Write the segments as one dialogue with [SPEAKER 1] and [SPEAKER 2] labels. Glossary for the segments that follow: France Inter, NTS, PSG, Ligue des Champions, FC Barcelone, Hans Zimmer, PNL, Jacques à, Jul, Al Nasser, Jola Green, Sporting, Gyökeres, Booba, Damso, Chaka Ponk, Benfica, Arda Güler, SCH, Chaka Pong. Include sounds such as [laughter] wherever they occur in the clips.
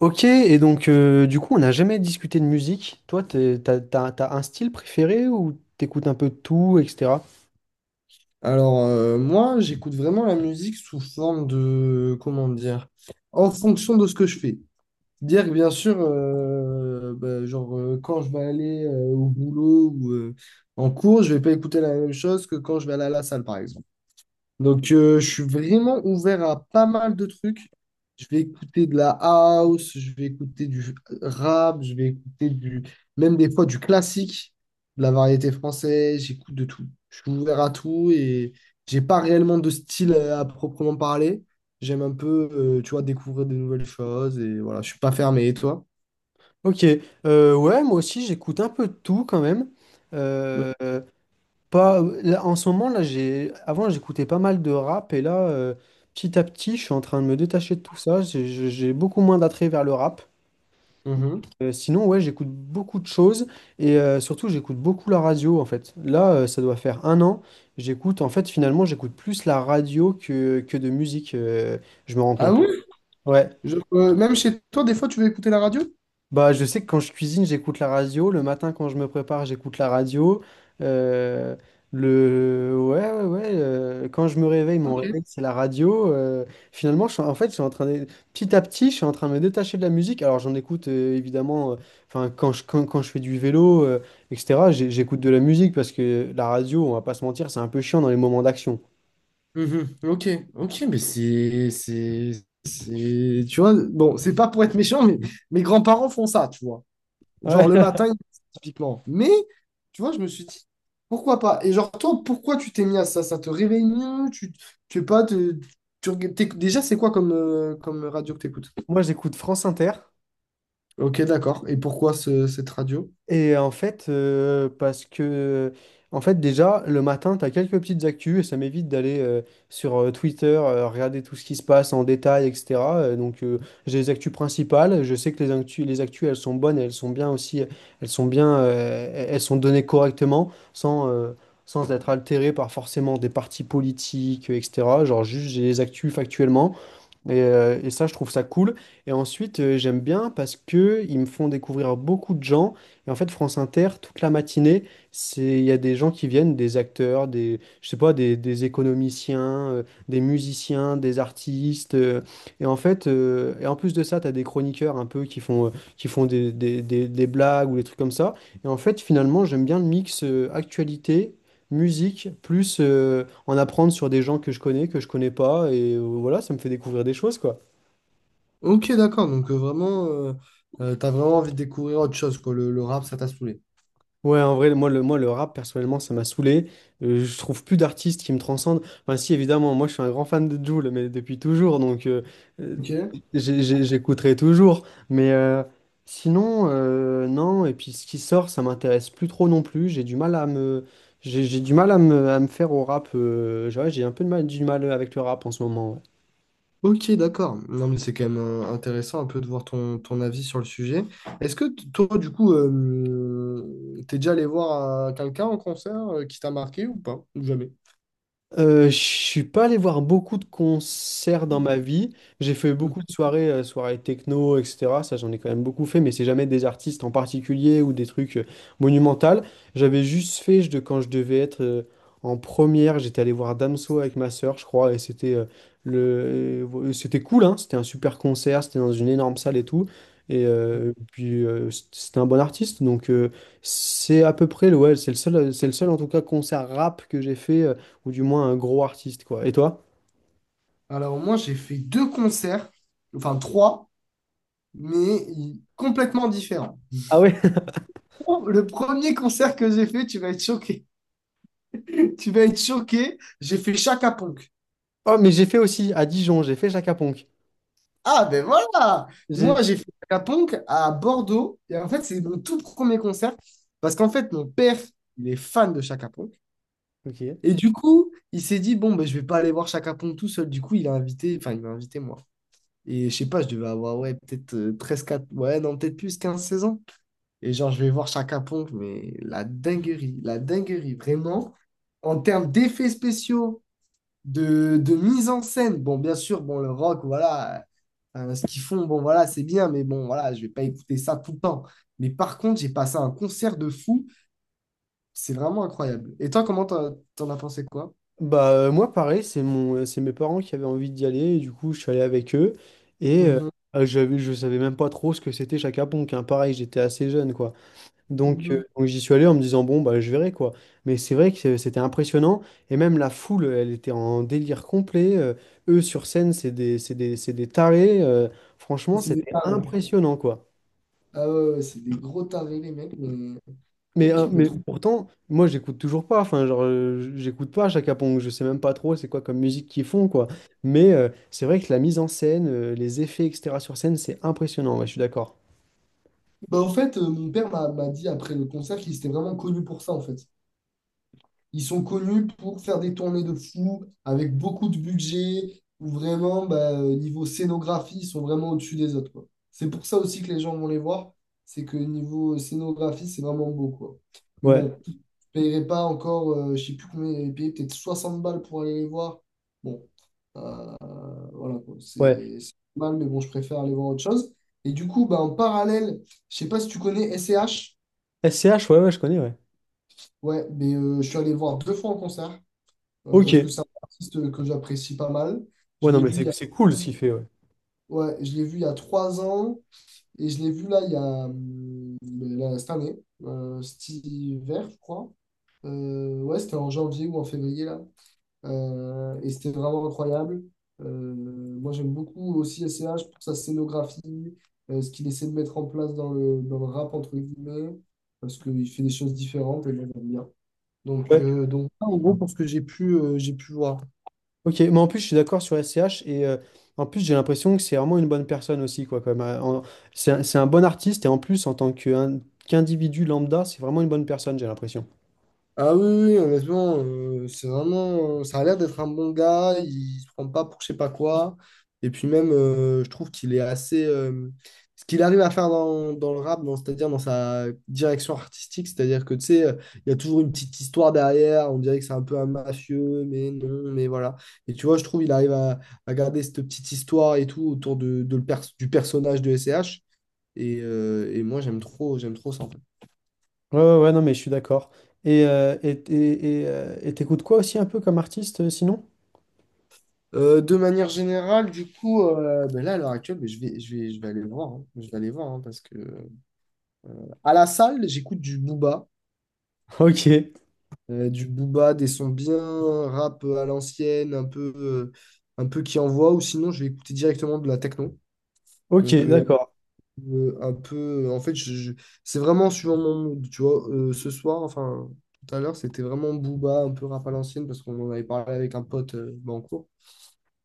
[SPEAKER 1] Ok, et donc du coup, on n'a jamais discuté de musique. Toi, t'as un style préféré ou t'écoutes un peu de tout, etc.
[SPEAKER 2] Alors, moi, j'écoute vraiment la musique sous forme de, comment dire, en fonction de ce que je fais. Dire que bien sûr, bah, genre, quand je vais aller au boulot ou en cours, je vais pas écouter la même chose que quand je vais aller à la salle, par exemple. Donc, je suis vraiment ouvert à pas mal de trucs. Je vais écouter de la house, je vais écouter du rap, je vais écouter même des fois du classique, de la variété française, j'écoute de tout. Je suis ouvert à tout et j'ai pas réellement de style à proprement parler. J'aime un peu, tu vois, découvrir de nouvelles choses et voilà, je suis pas fermé. Et toi?
[SPEAKER 1] Ok, ouais, moi aussi, j'écoute un peu de tout quand même. Euh, euh, pas, là, en ce moment, là, j'ai, avant, j'écoutais pas mal de rap et là, petit à petit, je suis en train de me détacher de tout ça. J'ai beaucoup moins d'attrait vers le rap.
[SPEAKER 2] Mhm.
[SPEAKER 1] Sinon, ouais, j'écoute beaucoup de choses et surtout, j'écoute beaucoup la radio en fait. Là, ça doit faire un an. J'écoute, en fait, finalement, j'écoute plus la radio que de musique. Je me rends
[SPEAKER 2] Ah
[SPEAKER 1] compte.
[SPEAKER 2] oui?
[SPEAKER 1] Ouais.
[SPEAKER 2] Même chez toi, des fois, tu veux écouter la radio?
[SPEAKER 1] Bah, je sais que quand je cuisine, j'écoute la radio. Le matin, quand je me prépare, j'écoute la radio. Euh, Ouais, ouais, ouais. Quand je me réveille, mon
[SPEAKER 2] Ok.
[SPEAKER 1] réveil, c'est la radio. Finalement, en fait, je suis en train de... petit à petit, je suis en train de me détacher de la musique. Alors, j'en écoute évidemment, enfin, quand je fais du vélo, etc., j'écoute de la musique parce que la radio, on va pas se mentir, c'est un peu chiant dans les moments d'action.
[SPEAKER 2] Mhm. Ok, ok, mais tu vois, bon, c'est pas pour être méchant, mais mes grands-parents font ça, tu vois.
[SPEAKER 1] Ouais.
[SPEAKER 2] Genre le
[SPEAKER 1] [laughs]
[SPEAKER 2] matin, typiquement. Mais, tu vois, je me suis dit, pourquoi pas? Et genre, toi, pourquoi tu t'es mis à ça? Ça te réveille mieux? Tu sais pas, déjà, c'est quoi comme, comme radio que t'écoutes?
[SPEAKER 1] Moi, j'écoute France Inter.
[SPEAKER 2] Ok, d'accord. Et pourquoi cette radio?
[SPEAKER 1] Et en fait, parce que, en fait, déjà, le matin, tu as quelques petites actus et ça m'évite d'aller sur Twitter, regarder tout ce qui se passe en détail, etc. Donc, j'ai les actus principales. Je sais que les actus, elles sont bonnes et elles sont bien aussi. Elles sont bien, elles sont données correctement, sans être altérées par forcément des partis politiques, etc. Genre, juste, j'ai les actus factuellement. Et ça, je trouve ça cool. Et ensuite, j'aime bien parce que ils me font découvrir beaucoup de gens. Et en fait, France Inter, toute la matinée, c'est il y a des gens qui viennent, des acteurs, des je sais pas, des économiciens, des musiciens, des artistes. Et en fait, et en plus de ça, tu as des chroniqueurs un peu qui font des blagues ou des trucs comme ça. Et en fait, finalement, j'aime bien le mix actualité musique, plus en apprendre sur des gens que je connais pas, et voilà, ça me fait découvrir des choses, quoi.
[SPEAKER 2] Ok, d'accord. Donc vraiment, t'as vraiment envie de découvrir autre chose, quoi. Le rap, ça t'a saoulé.
[SPEAKER 1] Ouais, en vrai, moi, le rap, personnellement, ça m'a saoulé. Je trouve plus d'artistes qui me transcendent. Enfin, si, évidemment, moi, je suis un grand fan de Jul, mais depuis toujours, donc euh,
[SPEAKER 2] Ok.
[SPEAKER 1] j'écouterai toujours. Mais sinon, non, et puis ce qui sort, ça m'intéresse plus trop non plus. J'ai du mal à me... J'ai du mal à me faire au rap. J'ai, ouais, j'ai un peu de mal, du mal avec le rap en ce moment. Ouais.
[SPEAKER 2] Ok, d'accord. Non, mais c'est quand même intéressant un peu de voir ton avis sur le sujet. Est-ce que toi, du coup, t'es déjà allé voir quelqu'un en concert qui t'a marqué ou pas? Ou jamais?
[SPEAKER 1] Je suis pas allé voir beaucoup de concerts dans ma vie. J'ai fait beaucoup de soirées, soirées techno, etc. Ça, j'en ai quand même beaucoup fait, mais c'est jamais des artistes en particulier ou des trucs monumentaux. J'avais juste fait, je, de- Quand je devais être en première, j'étais allé voir Damso avec ma sœur, je crois, et c'était cool, hein. C'était un super concert, c'était dans une énorme salle et tout. Et puis c'était un bon artiste, donc c'est à peu près ouais, c'est le seul en tout cas concert rap que j'ai fait. Ou du moins un gros artiste, quoi. Et toi?
[SPEAKER 2] Alors moi, j'ai fait deux concerts, enfin trois, mais complètement différents.
[SPEAKER 1] Ah ouais? [laughs]
[SPEAKER 2] Oh, le premier concert que j'ai fait, tu vas être choqué. [laughs] Tu vas être choqué. J'ai fait Chaka Ponk.
[SPEAKER 1] Oh, mais j'ai fait aussi à Dijon, j'ai fait Jacques à.
[SPEAKER 2] Ah ben voilà!
[SPEAKER 1] J'ai...
[SPEAKER 2] Moi, j'ai fait Chaka Ponk à Bordeaux. Et en fait, c'est mon tout premier concert. Parce qu'en fait, mon père, il est fan de Chaka Ponk.
[SPEAKER 1] Ok.
[SPEAKER 2] Et du coup, il s'est dit, bon, ben, je vais pas aller voir Chaka Ponk tout seul. Du coup, il a invité, enfin, il m'a invité moi. Et je sais pas, je devais avoir, ouais, peut-être 13, 4, ouais, non, peut-être plus, 15 16 ans. Et genre, je vais voir Chaka Pong, mais la dinguerie, vraiment. En termes d'effets spéciaux, de mise en scène, bon, bien sûr, bon, le rock, voilà, ce qu'ils font, bon, voilà, c'est bien, mais bon, voilà, je vais pas écouter ça tout le temps. Mais par contre, j'ai passé un concert de fou, c'est vraiment incroyable. Et toi, comment t'en as pensé quoi?
[SPEAKER 1] Bah, moi, pareil, c'est mes parents qui avaient envie d'y aller, et du coup, je suis allé avec eux, et
[SPEAKER 2] Mhm,
[SPEAKER 1] j'avais, je savais même pas trop ce que c'était Jacques à, hein. Pareil, j'étais assez jeune, quoi. Donc,
[SPEAKER 2] mhm.
[SPEAKER 1] euh, donc j'y suis allé en me disant, bon, bah, je verrai, quoi. Mais c'est vrai que c'était impressionnant, et même la foule, elle était en délire complet. Eux, sur scène, c'est des tarés. Franchement,
[SPEAKER 2] C'est des
[SPEAKER 1] c'était
[SPEAKER 2] tarés.
[SPEAKER 1] impressionnant, quoi.
[SPEAKER 2] Ah ouais, ouais, c'est des gros tarés, les mecs, mais
[SPEAKER 1] Mais, euh,
[SPEAKER 2] ok, mais
[SPEAKER 1] mais
[SPEAKER 2] trop.
[SPEAKER 1] pourtant, moi, j'écoute toujours pas. Enfin, genre, j'écoute pas Chaka Pong. Je sais même pas trop c'est quoi comme musique qu'ils font, quoi. Mais c'est vrai que la mise en scène, les effets, etc. sur scène, c'est impressionnant. Ouais, je suis d'accord.
[SPEAKER 2] Bah, en fait, mon père m'a dit après le concert qu'il était vraiment connu pour ça, en fait. Ils sont connus pour faire des tournées de fou avec beaucoup de budget, où vraiment, bah, niveau scénographie, ils sont vraiment au-dessus des autres, quoi. C'est pour ça aussi que les gens vont les voir, c'est que niveau scénographie, c'est vraiment beau, quoi. Mais
[SPEAKER 1] Ouais,
[SPEAKER 2] bon, je ne payerais pas encore, je ne sais plus combien j'avais payé, peut-être 60 balles pour aller les voir. Bon, euh, voilà, quoi.
[SPEAKER 1] ouais.
[SPEAKER 2] C'est mal, mais bon, je préfère aller voir autre chose. Et du coup, bah, en parallèle, je ne sais pas si tu connais SCH.
[SPEAKER 1] SCH, ouais, ouais, je connais, ouais.
[SPEAKER 2] Ouais, mais je suis allé le voir deux fois en concert. euh,
[SPEAKER 1] Ok.
[SPEAKER 2] parce que c'est un artiste que j'apprécie pas mal.
[SPEAKER 1] Ouais,
[SPEAKER 2] Je
[SPEAKER 1] non,
[SPEAKER 2] l'ai
[SPEAKER 1] mais
[SPEAKER 2] vu il y
[SPEAKER 1] c'est
[SPEAKER 2] a,
[SPEAKER 1] c'est cool ce qu'il fait, ouais.
[SPEAKER 2] Ouais, je l'ai vu il y a 3 ans et je l'ai vu là il y a là, cette année, cet hiver, je crois. Ouais, c'était en janvier ou en février là. Et c'était vraiment incroyable. Euh, Moi, j'aime beaucoup aussi S C H pour sa scénographie, ce qu'il essaie de mettre en place dans le rap, entre guillemets, parce qu'il fait des choses différentes et moi, j'aime bien. Donc,
[SPEAKER 1] Ouais.
[SPEAKER 2] ça, en gros, pour ce que j'ai pu voir.
[SPEAKER 1] Ok, mais en plus, je suis d'accord sur SCH. Et en plus, j'ai l'impression que c'est vraiment une bonne personne aussi, quoi. Comme, c'est un bon artiste. Et en plus, en tant que- un- qu'individu lambda, c'est vraiment une bonne personne, j'ai l'impression.
[SPEAKER 2] Ah oui, oui, oui, honnêtement, c'est vraiment, ça a l'air d'être un bon gars, il se prend pas pour je sais pas quoi. Et puis même, je trouve qu'il est assez, ce qu'il arrive à faire dans, dans le rap, c'est-à-dire dans sa direction artistique, c'est-à-dire que tu sais, il y a toujours une petite histoire derrière, on dirait que c'est un peu un mafieux, mais non, mais voilà. Et tu vois, je trouve il arrive à garder cette petite histoire et tout autour du personnage de S C H. Et moi, j'aime trop ça.
[SPEAKER 1] Ouais, ouais, ouais, non, mais je suis d'accord. Et t'écoutes quoi aussi un peu comme artiste sinon?
[SPEAKER 2] De manière générale, du coup, ben là, à l'heure actuelle, ben, je vais aller voir. Hein. Je vais aller voir, hein, parce que bah, à la salle, j'écoute du Booba,
[SPEAKER 1] [laughs] Ok,
[SPEAKER 2] du Booba, des sons bien rap à l'ancienne, un peu qui envoie, ou sinon, je vais écouter directement de la techno.
[SPEAKER 1] ok,
[SPEAKER 2] Donc,
[SPEAKER 1] d'accord.
[SPEAKER 2] un peu, en fait, c'est vraiment suivant mon mood. Tu vois, ce soir, enfin, tout à l'heure, c'était vraiment Booba, un peu rap à l'ancienne parce qu'on en avait parlé avec un pote ben, en cours.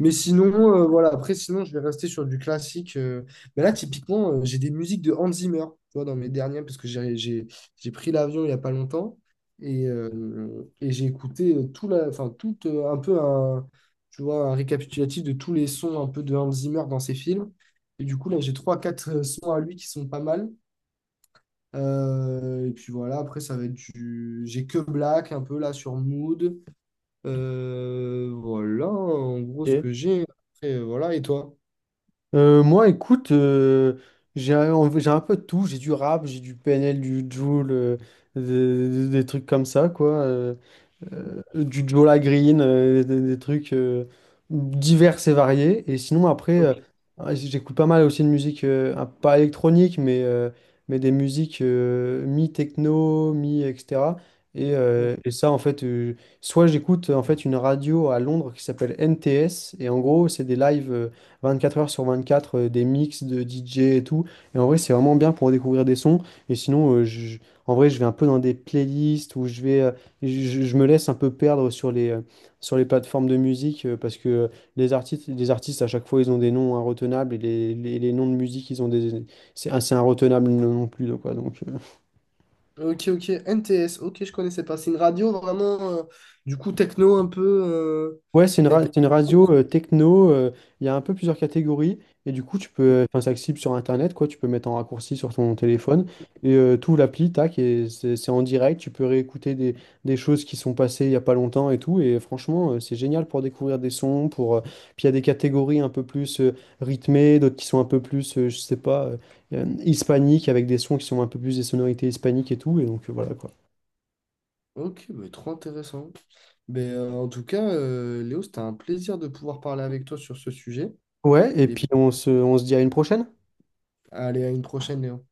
[SPEAKER 2] Mais sinon, voilà, après, sinon, je vais rester sur du classique. Mais là, typiquement, j'ai des musiques de Hans Zimmer, tu vois, dans mes dernières, parce que j'ai pris l'avion il n'y a pas longtemps. Et j'ai écouté tout la, enfin, tout, un peu un, tu vois, un récapitulatif de tous les sons un peu de Hans Zimmer dans ses films. Et du coup, là, j'ai trois, quatre sons à lui qui sont pas mal. Et puis voilà, après, ça va être du. J'ai que Black, un peu là, sur Mood. Voilà, en gros, ce
[SPEAKER 1] Ok.
[SPEAKER 2] que j'ai. Après, voilà, et toi?
[SPEAKER 1] Moi, écoute, j'ai un peu de tout. J'ai du rap, j'ai du PNL, du Jul, des trucs comme ça, quoi. Du Jola Green, des trucs divers et variés. Et sinon, après,
[SPEAKER 2] Ok,
[SPEAKER 1] ouais, j'écoute pas mal aussi de musique, pas électronique, mais des musiques mi-techno, mi, etc. Et ça, en fait, soit j'écoute en fait une radio à Londres qui s'appelle NTS, et en gros, c'est des lives 24 heures sur 24, des mix de DJ et tout. Et en vrai, c'est vraiment bien pour découvrir des sons. Et sinon, en vrai, je vais un peu dans des playlists où je me laisse un peu perdre sur sur les plateformes de musique parce que les artistes, à chaque fois, ils ont des noms inretenables et les noms de musique, ils ont des. C'est inretenable non plus, donc, quoi. Donc,
[SPEAKER 2] ok, ok. NTS, ok, je connaissais pas. C'est une radio vraiment, du coup, techno un peu.
[SPEAKER 1] ouais,
[SPEAKER 2] Tec-
[SPEAKER 1] c'est une radio techno, il y a un peu plusieurs catégories, et du coup, tu peux, enfin, c'est accessible sur Internet, quoi, tu peux mettre en raccourci sur ton téléphone, et tout l'appli, tac, et c'est en direct, tu peux réécouter des, choses qui sont passées il y a pas longtemps et tout, et franchement, c'est génial pour découvrir des sons, pour, puis il y a des catégories un peu plus rythmées, d'autres qui sont un peu plus, je sais pas, hispaniques, avec des sons qui sont un peu plus des sonorités hispaniques et tout, et donc voilà, quoi.
[SPEAKER 2] Ok, mais trop intéressant. Mais en tout cas, Léo, c'était un plaisir de pouvoir parler avec toi sur ce sujet.
[SPEAKER 1] Ouais, et
[SPEAKER 2] Et
[SPEAKER 1] puis on se dit à une prochaine.
[SPEAKER 2] allez, à une prochaine, Léo.